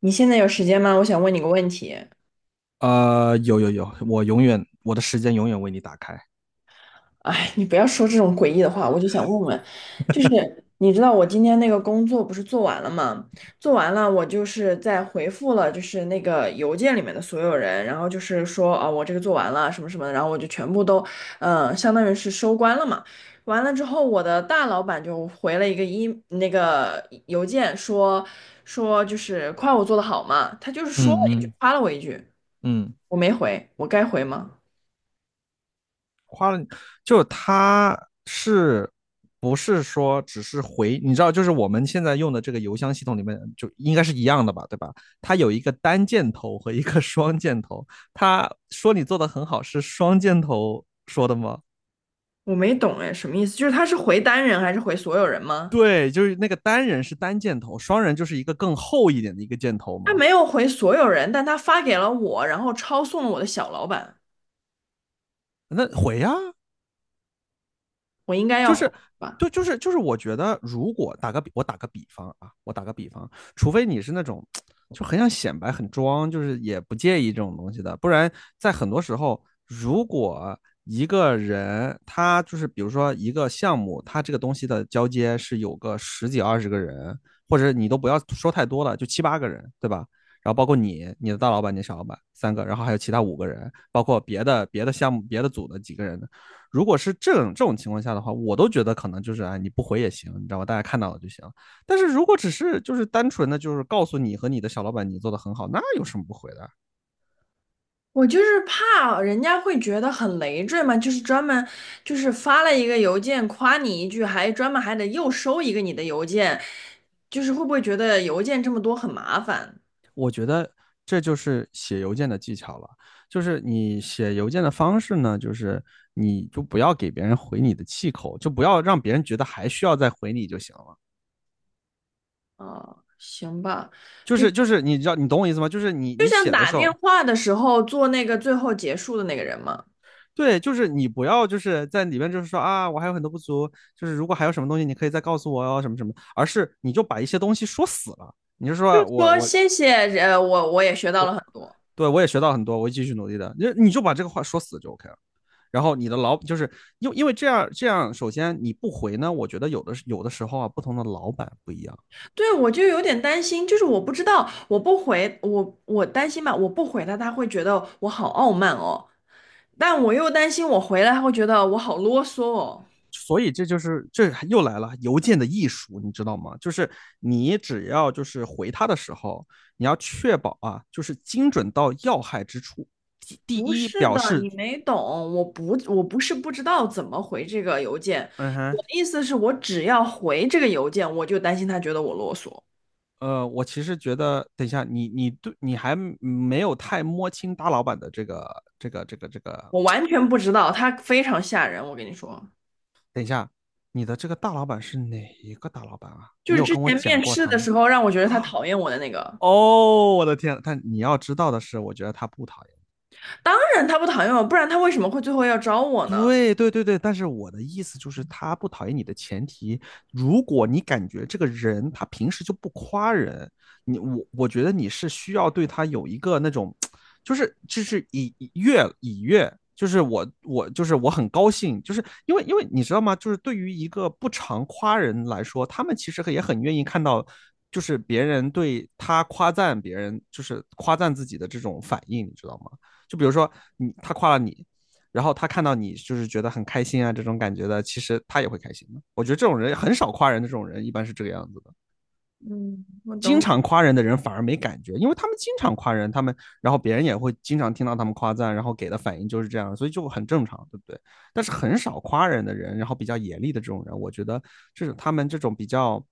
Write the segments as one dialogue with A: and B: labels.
A: 你现在有时间吗？我想问你个问题。
B: 有，我的时间永远为你打开。
A: 哎，你不要说这种诡异的话，我就想问问，就是你知道我今天那个工作不是做完了吗？做完了，我就是在回复了，就是那个邮件里面的所有人，然后就是说啊、我这个做完了什么什么的，然后我就全部都，相当于是收官了嘛。完了之后，我的大老板就回了一个那个邮件说就是夸我做的好嘛，他就是
B: 嗯
A: 说了一句
B: 嗯
A: 夸了我一句，
B: 嗯
A: 我没回，我该回吗？
B: 就他是不是说只是回？你知道，就是我们现在用的这个邮箱系统里面，就应该是一样的吧，对吧？它有一个单箭头和一个 双箭头。他说你做的很好，是双箭头说的吗？
A: 我没懂哎，什么意思？就是他是回单人还是回所有人吗？
B: 对，就是那个单人是单箭头，双人就是一个更厚一点的一个箭头
A: 他
B: 吗？
A: 没有回所有人，但他发给了我，然后抄送了我的小老板，
B: 那回呀、
A: 我应该要
B: 就
A: 回
B: 是
A: 吧？
B: 对，就是，我觉得如果打个比，我打个比方啊，我打个比方，除非你是那种就很想显摆、很装，就是也不介意这种东西的，不然在很多时候，如果一个人他就是比如说一个项目，他这个东西的交接是有个十几二十个人，或者你都不要说太多了，就七八个人，对吧？然后包括你、你的大老板、你小老板三个，然后还有其他五个人，包括别的项目、别的组的几个人，如果是这种情况下的话，我都觉得可能就是啊、哎，你不回也行，你知道吧？大家看到了就行。但是如果只是就是单纯的就是告诉你和你的小老板你做的很好，那有什么不回的？
A: 我就是怕人家会觉得很累赘嘛，就是专门就是发了一个邮件夸你一句，还专门还得又收一个你的邮件，就是会不会觉得邮件这么多很麻烦
B: 我觉得这就是写邮件的技巧了，就是你写邮件的方式呢，就是你就不要给别人回你的气口，就不要让别人觉得还需要再回你就行了。
A: 啊？行吧，
B: 就
A: 就
B: 是
A: 就
B: 就是你知道你懂我意思吗？就是你
A: 像
B: 写的
A: 打
B: 时
A: 电
B: 候，
A: 话的时候做那个最后结束的那个人嘛。
B: 对，就是你不要就是在里面就是说啊，我还有很多不足，就是如果还有什么东西，你可以再告诉我哦，什么什么，而是你就把一些东西说死了，你就说我
A: 说
B: 我
A: 谢谢，我也学到了很多。
B: 对我也学到很多，我会继续努力的，你就把这个话说死就 OK 了。然后你的老就是因为这样，首先你不回呢，我觉得有的时候啊，不同的老板不一样，
A: 对，我就有点担心，就是我不知道，我不回，我担心吧，我不回他，他会觉得我好傲慢哦，但我又担心我回来，他会觉得我好啰嗦哦。
B: 所以这就是这又来了邮件的艺术，你知道吗？就是你只要就是回他的时候，你要确保啊，就是精准到要害之处。第第
A: 不
B: 一，
A: 是
B: 表
A: 的，
B: 示
A: 你没懂，我不是不知道怎么回这个邮件，
B: 嗯
A: 我
B: 哼。
A: 的意思是我只要回这个邮件，我就担心他觉得我啰嗦，
B: 我其实觉得，等一下，你还没有太摸清大老板的这个，
A: 我完全不知道，他非常吓人，我跟你说，
B: 你的这个大老板是哪一个大老板啊？
A: 就
B: 你
A: 是
B: 有
A: 之
B: 跟我
A: 前
B: 讲
A: 面
B: 过
A: 试
B: 他
A: 的
B: 吗？
A: 时候让我觉得他讨厌我的那个，
B: 哦，我的天，但你要知道的是，我觉得他不讨厌。
A: 当然他不讨厌我，不然他为什么会最后要招我呢？
B: 对对对对，但是我的意思就是，他不讨厌你的前提，如果你感觉这个人他平时就不夸人，我觉得你是需要对他有一个那种，就是以悦，就是我就是我很高兴，就是因为你知道吗？就是对于一个不常夸人来说，他们其实也很愿意看到，就是别人对他夸赞别人，就是夸赞自己的这种反应，你知道吗？就比如说他夸了你，然后他看到你就是觉得很开心啊这种感觉的，其实他也会开心的。我觉得这种人很少夸人的，这种人一般是这个样子的。
A: 嗯，我
B: 经
A: 懂懂，
B: 常夸人的人反而没感觉，因为他们经常夸人，他们然后别人也会经常听到他们夸赞，然后给的反应就是这样，所以就很正常，对不对？但是很少夸人的人，然后比较严厉的这种人，我觉得就是他们这种比较。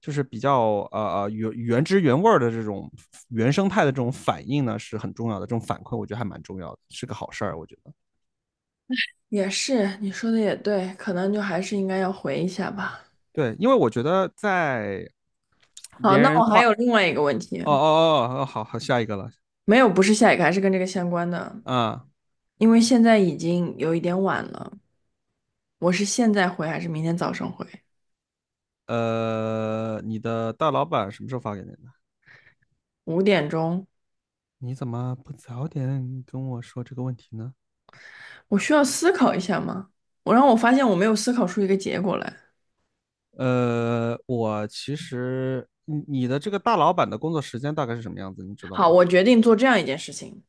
B: 就是比较原汁原味的这种原生态的这种反应呢，是很重要的。这种反馈我觉得还蛮重要的，是个好事儿。我觉得
A: 也是，你说的也对，可能就还是应该要回一下吧。
B: 对，因为我觉得在
A: 好，
B: 别
A: 那
B: 人
A: 我还
B: 夸，哦
A: 有另外一个问题，
B: 哦，好好，下一个了
A: 没有，不是下一个，还是跟这个相关的，
B: 啊。
A: 因为现在已经有一点晚了，我是现在回还是明天早上回？
B: 你的大老板什么时候发给你的？
A: 5点钟，
B: 你怎么不早点跟我说这个问题呢？
A: 我需要思考一下吗？我让我发现我没有思考出一个结果来。
B: 我其实你的这个大老板的工作时间大概是什么样子，你知道
A: 好，
B: 吗？
A: 我决定做这样一件事情，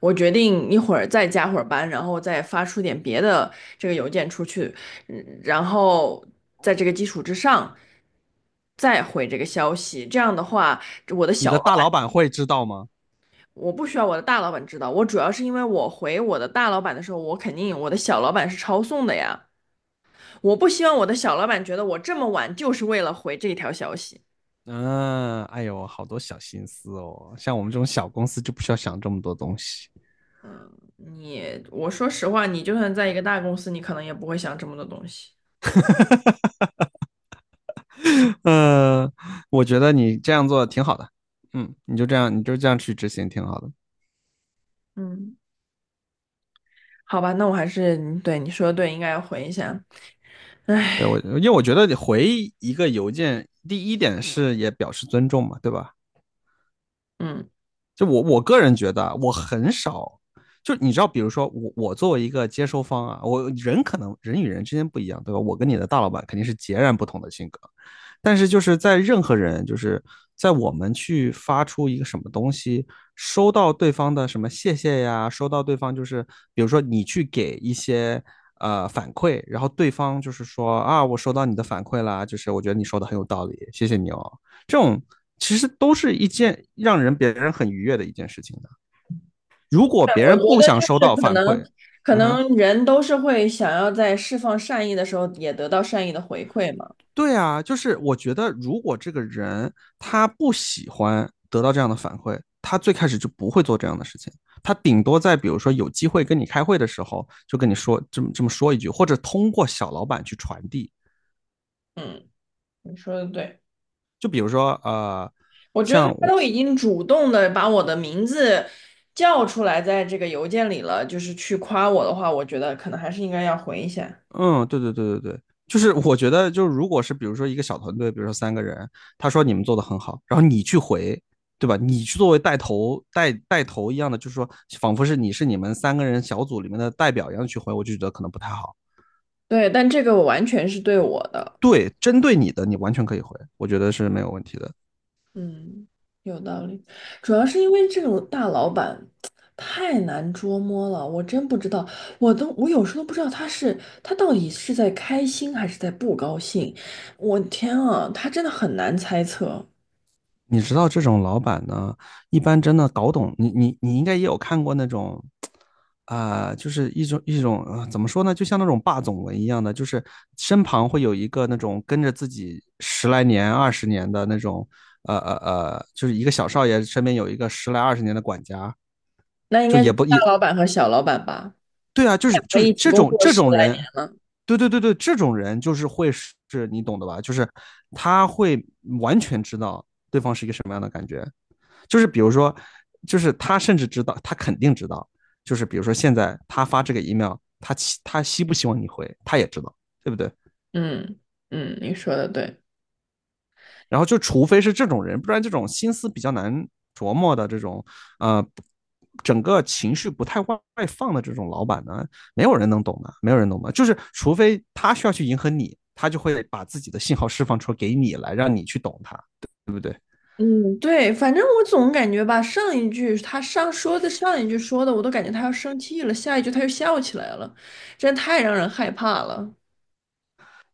A: 我决定一会儿再加会儿班，然后再发出点别的这个邮件出去，然后在这个基础之上再回这个消息。这样的话，我的
B: 你
A: 小
B: 的
A: 老
B: 大老
A: 板
B: 板会知道吗？
A: 我不需要我的大老板知道，我主要是因为我回我的大老板的时候，我肯定我的小老板是抄送的呀。我不希望我的小老板觉得我这么晚就是为了回这一条消息。
B: 嗯，哎呦，好多小心思哦，像我们这种小公司就不需要想这么多东西。
A: 你，我说实话，你就算在一个大公司，你可能也不会想这么多东西。
B: 呃，我觉得你这样做挺好的，嗯，你就这样，去执行挺好的。
A: 嗯。好吧，那我还是对你说的对，应该要回一下。
B: 对我，因为我觉得你回一个邮件，第一点是也表示尊重嘛，对吧？
A: 嗯，
B: 就我个人觉得啊，我很少，就你知道，比如说我作为一个接收方啊，可能人与人之间不一样，对吧？我跟你的大老板肯定是截然不同的性格，但是就是在任何人，就是在我们去发出一个什么东西，收到对方的什么谢谢呀，收到对方就是比如说你去给一些反馈，然后对方就是说啊，我收到你的反馈啦，就是我觉得你说的很有道理，谢谢你哦。这种其实都是一件让人别人很愉悦的一件事情的。如果
A: 对，
B: 别
A: 我
B: 人
A: 觉
B: 不
A: 得
B: 想
A: 就
B: 收
A: 是
B: 到
A: 可
B: 反
A: 能，
B: 馈，
A: 可
B: 嗯哼。
A: 能人都是会想要在释放善意的时候也得到善意的回馈嘛。
B: 对啊，就是我觉得，如果这个人他不喜欢得到这样的反馈，他最开始就不会做这样的事情。他顶多在比如说有机会跟你开会的时候，就跟你说这么说一句，或者通过小老板去传递。
A: 嗯，你说的对，
B: 就比如说，
A: 我觉得
B: 像
A: 他
B: 我
A: 都已经主动的把我的名字叫出来，在这个邮件里了，就是去夸我的话，我觉得可能还是应该要回一下。
B: 嗯，对对对对对，就是我觉得，就是如果是比如说一个小团队，比如说三个人，他说你们做的很好，然后你去回，对吧？你去作为带头一样的，就是说仿佛是你们三个人小组里面的代表一样去回，我就觉得可能不太好。
A: 对，但这个我完全是对我的。
B: 对，针对你的，你完全可以回，我觉得是没有问题的。
A: 嗯，有道理，主要是因为这种大老板太难捉摸了，我真不知道，我有时候都不知道他到底是在开心还是在不高兴，我天啊，他真的很难猜测。
B: 你知道这种老板呢，一般真的搞懂你，你应该也有看过那种，啊、就是一种、怎么说呢，就像那种霸总文一样的，就是身旁会有一个那种跟着自己十来年、二十年的那种，就是一个小少爷身边有一个十来二十年的管家，
A: 那应
B: 就
A: 该就
B: 也
A: 是
B: 不
A: 大
B: 也
A: 老板和小老板吧，
B: 对啊，就是
A: 两个
B: 就是
A: 一起
B: 这
A: 工
B: 种
A: 作
B: 这
A: 十
B: 种
A: 来年
B: 人，
A: 了。
B: 对对对对，这种人就是会是你懂的吧，就是他会完全知道对方是一个什么样的感觉。就是比如说，就是他甚至知道，他肯定知道，就是比如说现在他发这个 email，他他希不希望你回，他也知道，对不对？
A: 嗯嗯，你说的对。
B: 然后就除非是这种人，不然这种心思比较难琢磨的这种，呃，整个情绪不太外放的这种老板呢，没有人能懂的，没有人懂的，就是除非他需要去迎合你，他就会把自己的信号释放出给你来，让你去懂他。
A: 嗯，对，反正我总感觉吧，上一句他上说的上一句说的，我都感觉他要生气了，下一句他又笑起来了，真太让人害怕了。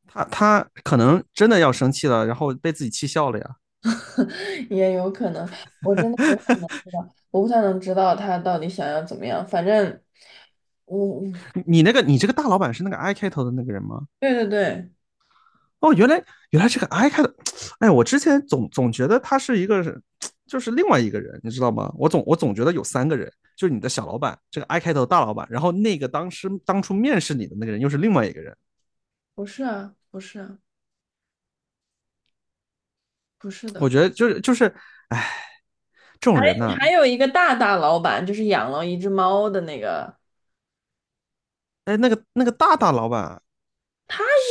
B: 他可能真的要生气了，然后被自己气笑了呀。
A: 也有可能，我真的不太能知道，我不太能知道他到底想要怎么样。反正我，
B: 你这个大老板是那个 I 开头的那个人吗？
A: 对对对，
B: 哦，原来这个 I 开头，哎，我之前总觉得他是一个，就是另外一个人，你知道吗？我总觉得有三个人，就是你的小老板，这个 I 开头的大老板，然后那个当时当初面试你的那个人又是另外一个人。
A: 不是啊，不是啊，不是
B: 我
A: 的。
B: 觉得就是，哎，这种
A: 还
B: 人
A: 还
B: 呐、
A: 有一个大大老板，就是养了一只猫的那个，
B: 哎，那个大大老板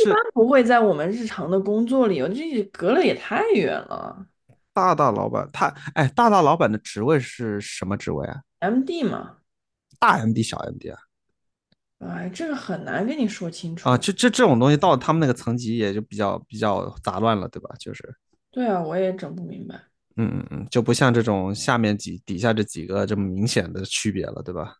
A: 一般不会在我们日常的工作里有，这隔了也太远了
B: 大大老板，哎大大老板的职位是什么职位啊？
A: ，MD 嘛。
B: 大 MD 小 MD 啊？
A: 哎，这个很难跟你说清
B: 啊，
A: 楚。
B: 这种东西到他们那个层级也就比较杂乱了，对吧？就是，
A: 对啊，我也整不明白。
B: 嗯，就不像这种下面底下这几个这么明显的区别了，对吧？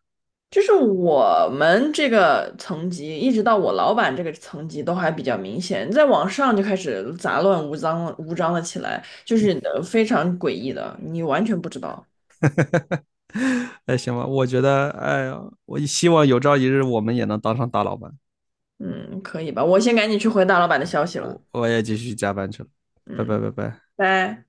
A: 就是我们这个层级，一直到我老板这个层级都还比较明显，再往上就开始杂乱无章了起来，就是非常诡异的，你完全不知道。
B: 哎，行吧，我觉得，哎呀，我希望有朝一日我们也能当上大老板，
A: 嗯，可以吧？我先赶紧去回大老板的消息了。
B: 我也继续加班去了，拜拜
A: 嗯，
B: 拜拜。
A: 拜。